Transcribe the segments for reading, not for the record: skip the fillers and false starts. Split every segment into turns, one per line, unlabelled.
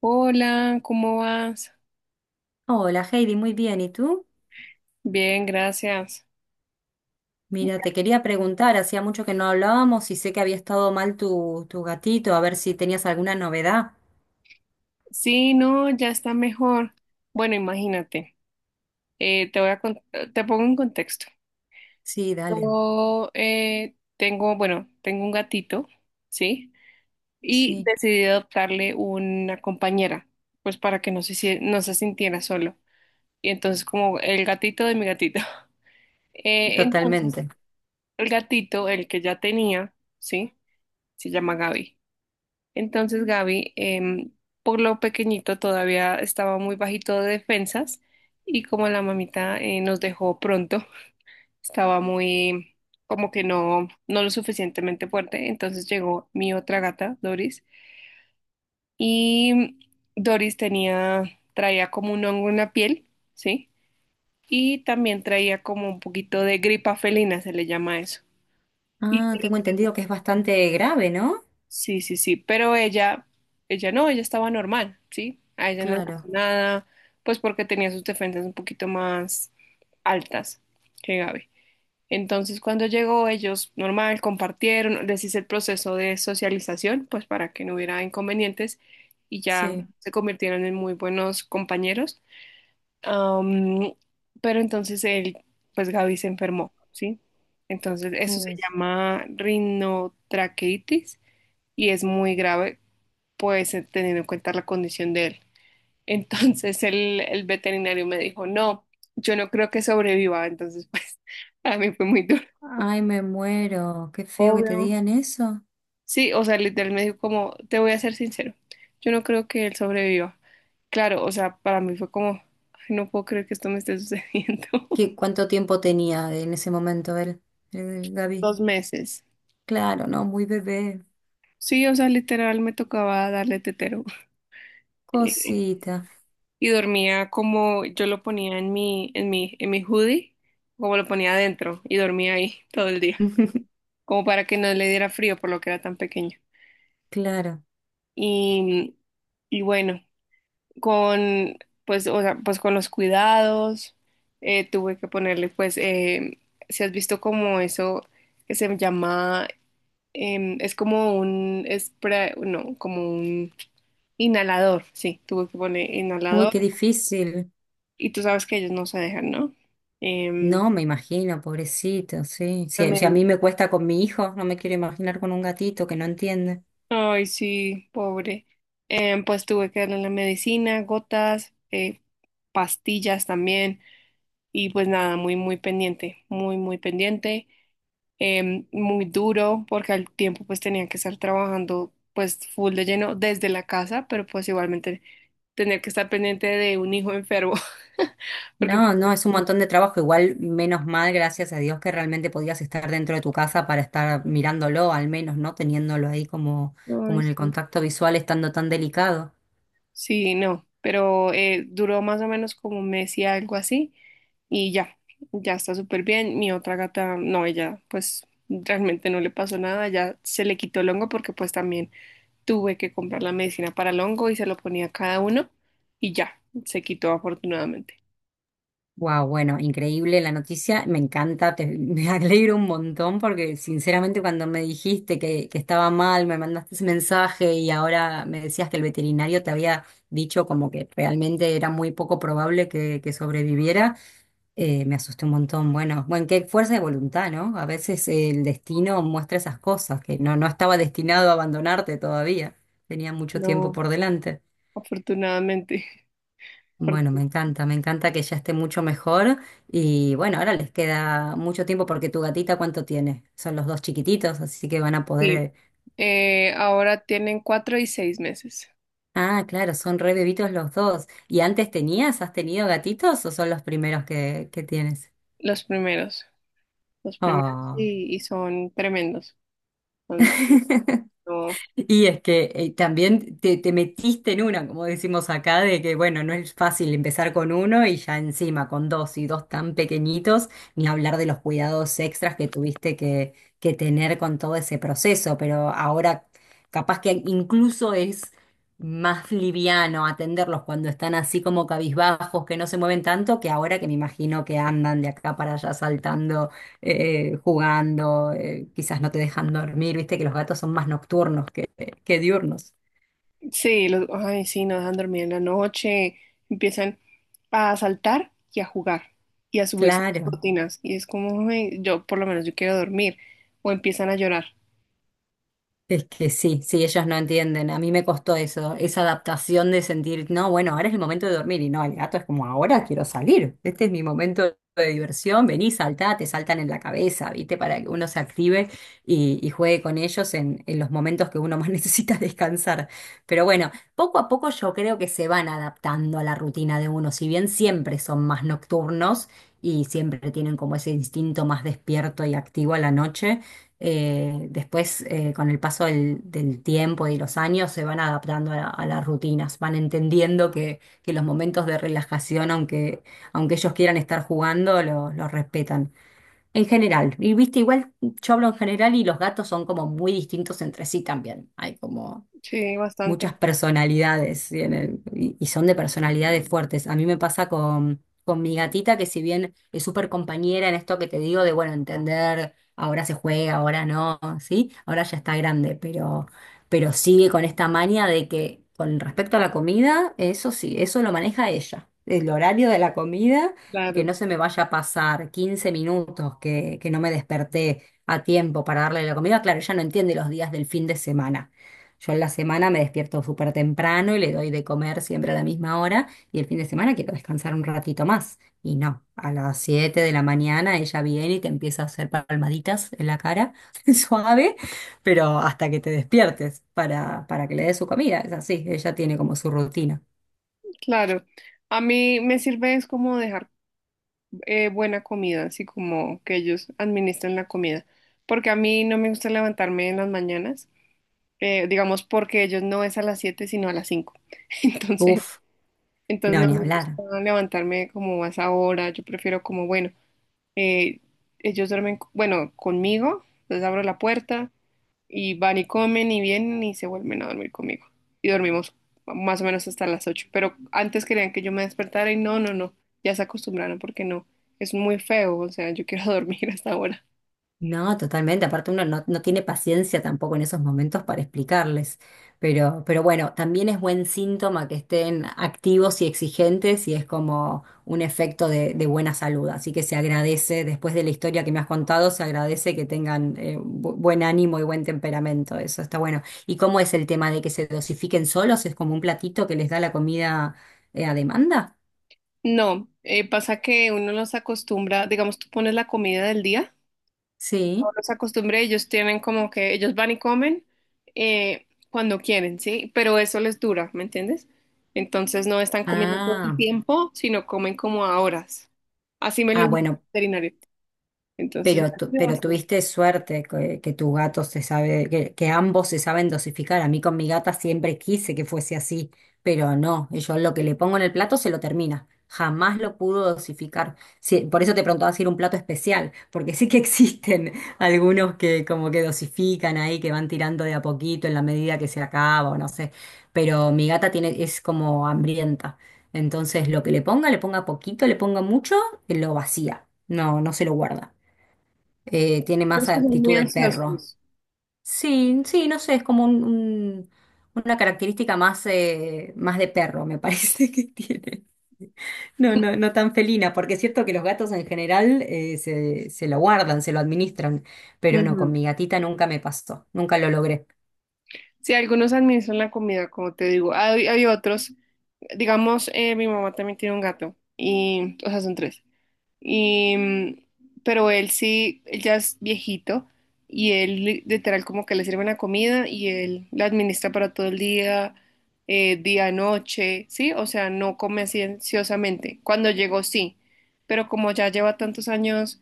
Hola, ¿cómo vas?
Hola Heidi, muy bien. ¿Y tú?
Bien, gracias.
Mira, te quería preguntar, hacía mucho que no hablábamos y sé que había estado mal tu gatito, a ver si tenías alguna novedad.
Sí, no, ya está mejor. Bueno, imagínate, te pongo en contexto.
Sí, dale.
Yo bueno, tengo un gatito, ¿sí? Y
Sí,
decidí adoptarle una compañera, pues para que no se sintiera solo. Y entonces como el gatito de mi gatito. Entonces,
totalmente.
el gatito, el que ya tenía, ¿sí? Se llama Gaby. Entonces Gaby, por lo pequeñito, todavía estaba muy bajito de defensas y como la mamita nos dejó pronto, estaba muy como que no, no lo suficientemente fuerte. Entonces llegó mi otra gata, Doris, y Doris traía como un hongo en la piel, ¿sí? Y también traía como un poquito de gripa felina, se le llama eso.
Ah, tengo entendido que es bastante grave, ¿no?
Sí, sí, sí, pero ella no, ella estaba normal, ¿sí? A ella no le pasó
Claro,
nada, pues porque tenía sus defensas un poquito más altas que Gaby. Entonces, cuando llegó, ellos normal compartieron, les hice el proceso de socialización, pues para que no hubiera inconvenientes y ya
sí.
se convirtieron en muy buenos compañeros. Am, pero entonces pues Gaby se enfermó, ¿sí? Entonces, eso se
Mm.
llama rinotraqueitis y es muy grave pues teniendo en cuenta la condición de él. Entonces el veterinario me dijo, no, yo no creo que sobreviva, entonces pues a mí fue muy duro.
Ay, me muero. Qué feo que te
Obvio.
digan eso.
Sí, o sea, literal me dijo como, te voy a ser sincero, yo no creo que él sobreviva. Claro, o sea, para mí fue como, "Ay, no puedo creer que esto me esté sucediendo.
¿Qué, cuánto tiempo tenía en ese momento el Gaby?
2 meses.
Claro, no, muy bebé.
Sí, o sea, literal me tocaba darle tetero.
Cosita.
Y dormía como yo lo ponía en mi hoodie, como lo ponía adentro y dormía ahí todo el día, como para que no le diera frío por lo que era tan pequeño.
Claro.
Y, y bueno, con, pues, o sea, pues con los cuidados, tuve que ponerle, pues, si has visto como eso que se llama, es como un spray, no, como un inhalador, sí, tuve que poner
Uy,
inhalador
qué difícil.
y tú sabes que ellos no se dejan, ¿no? Em,
No, me imagino, pobrecito, sí. Si, si a
Remedio.
mí me cuesta con mi hijo, no me quiero imaginar con un gatito que no entiende.
Ay, sí, pobre. Pues tuve que darle la medicina, gotas, pastillas también. Y pues nada, muy, muy pendiente, muy, muy pendiente. Muy duro, porque al tiempo pues tenía que estar trabajando pues full de lleno desde la casa, pero pues igualmente tener que estar pendiente de un hijo enfermo, porque...
No, no, es un montón de trabajo. Igual, menos mal, gracias a Dios, que realmente podías estar dentro de tu casa para estar mirándolo, al menos, ¿no? Teniéndolo ahí como, como
Ay,
en el
sí.
contacto visual, estando tan delicado.
Sí, no, pero duró más o menos como un mes y algo así y ya, ya está súper bien. Mi otra gata, no, ella pues realmente no le pasó nada, ya se le quitó el hongo porque pues también tuve que comprar la medicina para el hongo y se lo ponía a cada uno y ya, se quitó afortunadamente.
Wow, bueno, increíble la noticia, me encanta, me alegro un montón porque sinceramente cuando me dijiste que estaba mal, me mandaste ese mensaje y ahora me decías que el veterinario te había dicho como que realmente era muy poco probable que sobreviviera, me asusté un montón. Bueno, bueno, qué fuerza de voluntad, ¿no? A veces el destino muestra esas cosas, que no, no estaba destinado a abandonarte todavía, tenía mucho tiempo
No,
por delante.
afortunadamente.
Bueno,
Porque
me encanta que ya esté mucho mejor y bueno, ahora les queda mucho tiempo porque tu gatita, ¿cuánto tiene? Son los dos chiquititos, así que van a poder...
sí, ahora tienen 4 y 6 meses,
Ah, claro, son re bebitos los dos. ¿Y antes tenías, has tenido gatitos o son los primeros que tienes?
los primeros, los primeros
Oh.
y son tremendos. son- no,
Y es que también te metiste en una, como decimos acá, de que bueno, no es fácil empezar con uno y ya encima con dos y dos tan pequeñitos, ni hablar de los cuidados extras que tuviste que tener con todo ese proceso, pero ahora capaz que incluso es más liviano atenderlos cuando están así como cabizbajos, que no se mueven tanto, que ahora que me imagino que andan de acá para allá saltando jugando, quizás no te dejan dormir, viste que los gatos son más nocturnos que diurnos.
sí, ay, sí, no dejan dormir en la noche, empiezan a saltar y a jugar y a subirse a las
Claro.
cortinas y es como, "Ay, yo por lo menos yo quiero dormir o empiezan a llorar.
Es que sí, sí, ellos no entienden. A mí me costó eso, esa adaptación de sentir, no, bueno, ahora es el momento de dormir. Y no, el gato es como, ahora quiero salir. Este es mi momento de diversión. Vení, saltá, te saltan en la cabeza, ¿viste? Para que uno se active y juegue con ellos en los momentos que uno más necesita descansar. Pero bueno, poco a poco yo creo que se van adaptando a la rutina de uno. Si bien siempre son más nocturnos y siempre tienen como ese instinto más despierto y activo a la noche después, con el paso del tiempo y los años, se van adaptando a las rutinas, van entendiendo que los momentos de relajación, aunque ellos quieran estar jugando, los respetan. En general, y viste, igual yo hablo en general y los gatos son como muy distintos entre sí también. Hay como
Sí,
muchas
bastante,
personalidades tienen y son de personalidades fuertes. A mí me pasa con mi gatita, que si bien es súper compañera en esto que te digo de, bueno, entender, ahora se juega, ahora no, ¿sí? Ahora ya está grande, pero sigue con esta manía de que con respecto a la comida, eso sí, eso lo maneja ella. El horario de la comida, que
claro,
no se me vaya a pasar 15 minutos, que no me desperté a tiempo para darle la comida. Claro, ella no entiende los días del fin de semana yo en la semana me despierto súper temprano y le doy de comer siempre a la misma hora y el fin de semana quiero descansar un ratito más. Y no, a las 7 de la mañana ella viene y te empieza a hacer palmaditas en la cara, suave, pero hasta que te despiertes para que le des su comida. Es así, ella tiene como su rutina.
claro. A mí me sirve es como dejar buena comida, así como que ellos administren la comida, porque a mí no me gusta levantarme en las mañanas, digamos porque ellos no es a las 7 sino a las 5, entonces.
Uf,
Entonces
no, ni
no me
hablar.
gusta levantarme como a esa hora, yo prefiero como, bueno, eh, ellos duermen, bueno, conmigo, les abro la puerta y van y comen y vienen y se vuelven a dormir conmigo. Y dormimos más o menos hasta las 8. Pero antes querían que yo me despertara y no, no, no, ya se acostumbraron porque no, es muy feo, o sea, yo quiero dormir hasta ahora.
No, totalmente. Aparte uno no, no tiene paciencia tampoco en esos momentos para explicarles. Pero bueno, también es buen síntoma que estén activos y exigentes y es como un efecto de buena salud. Así que se agradece, después de la historia que me has contado, se agradece que tengan buen ánimo y buen temperamento. Eso está bueno. ¿Y cómo es el tema de que se dosifiquen solos? ¿Es como un platito que les da la comida a demanda?
No, pasa que uno los acostumbra, digamos, tú pones la comida del día.
Sí.
Los acostumbré, ellos tienen como que ellos van y comen cuando quieren, ¿sí? Pero eso les dura, ¿me entiendes? Entonces no están comiendo todo el
Ah,
tiempo, sino comen como a horas. Así me
ah,
lo dijo el
bueno.
veterinario. Entonces, me ayuda
Pero
bastante.
tuviste suerte que tu gato se sabe, que ambos se saben dosificar. A mí con mi gata siempre quise que fuese así, pero no, yo lo que le pongo en el plato se lo termina. Jamás lo pudo dosificar. Sí, por eso te preguntaba si era un plato especial, porque sí que existen algunos que como que dosifican ahí, que van tirando de a poquito en la medida que se acaba o no sé. Pero mi gata tiene, es como hambrienta. Entonces lo que le ponga poquito, le ponga mucho, lo vacía. No, no se lo guarda tiene
Los
más
que son muy
actitud de perro.
ansiosos.
Sí, sí, no sé, es como una característica más, más de perro, me parece que tiene. No, no, no tan felina, porque es cierto que los gatos en general se lo guardan, se lo administran, pero no, con
Ujú.
mi gatita nunca me pasó, nunca lo logré.
Sí, algunos administran la comida, como te digo. Hay otros, digamos, mi mamá también tiene un gato, y, o sea, son tres. Y, pero él sí, él ya es viejito y él literal como que le sirven la comida y él la administra para todo el día, día, noche, ¿sí? O sea, no come cienciosamente. Cuando llegó sí, pero como ya lleva tantos años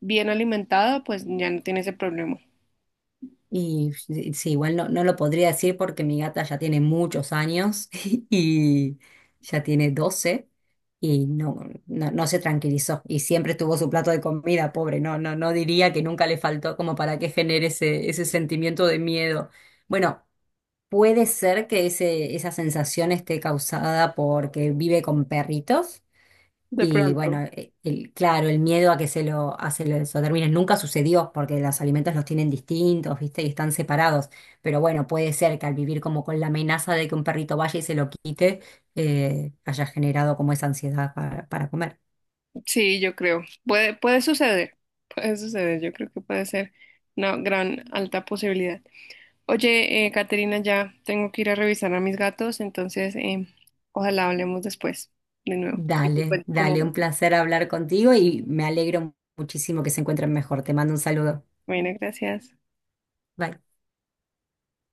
bien alimentado, pues ya no tiene ese problema.
Y sí, sí, igual no, no lo podría decir porque mi gata ya tiene muchos años y ya tiene 12 y no, no, no se tranquilizó y siempre tuvo su plato de comida, pobre, no, no, no diría que nunca le faltó como para que genere ese sentimiento de miedo. Bueno, puede ser que esa sensación esté causada porque vive con perritos
De
y bueno,
pronto.
claro, el miedo a que se lo, a se lo nunca sucedió porque los alimentos los tienen distintos, ¿viste? Y están separados. Pero bueno, puede ser que al vivir como con la amenaza de que un perrito vaya y se lo quite, haya generado como esa ansiedad para comer.
Sí, yo creo. Puede suceder, puede suceder, yo creo que puede ser una gran alta posibilidad. Oye, Caterina, ya tengo que ir a revisar a mis gatos, entonces ojalá hablemos después de nuevo. Y te
Dale,
cuento cómo
dale, un
va.
placer hablar contigo y me alegro muchísimo que se encuentren mejor. Te mando un saludo.
Bueno, gracias.
Bye.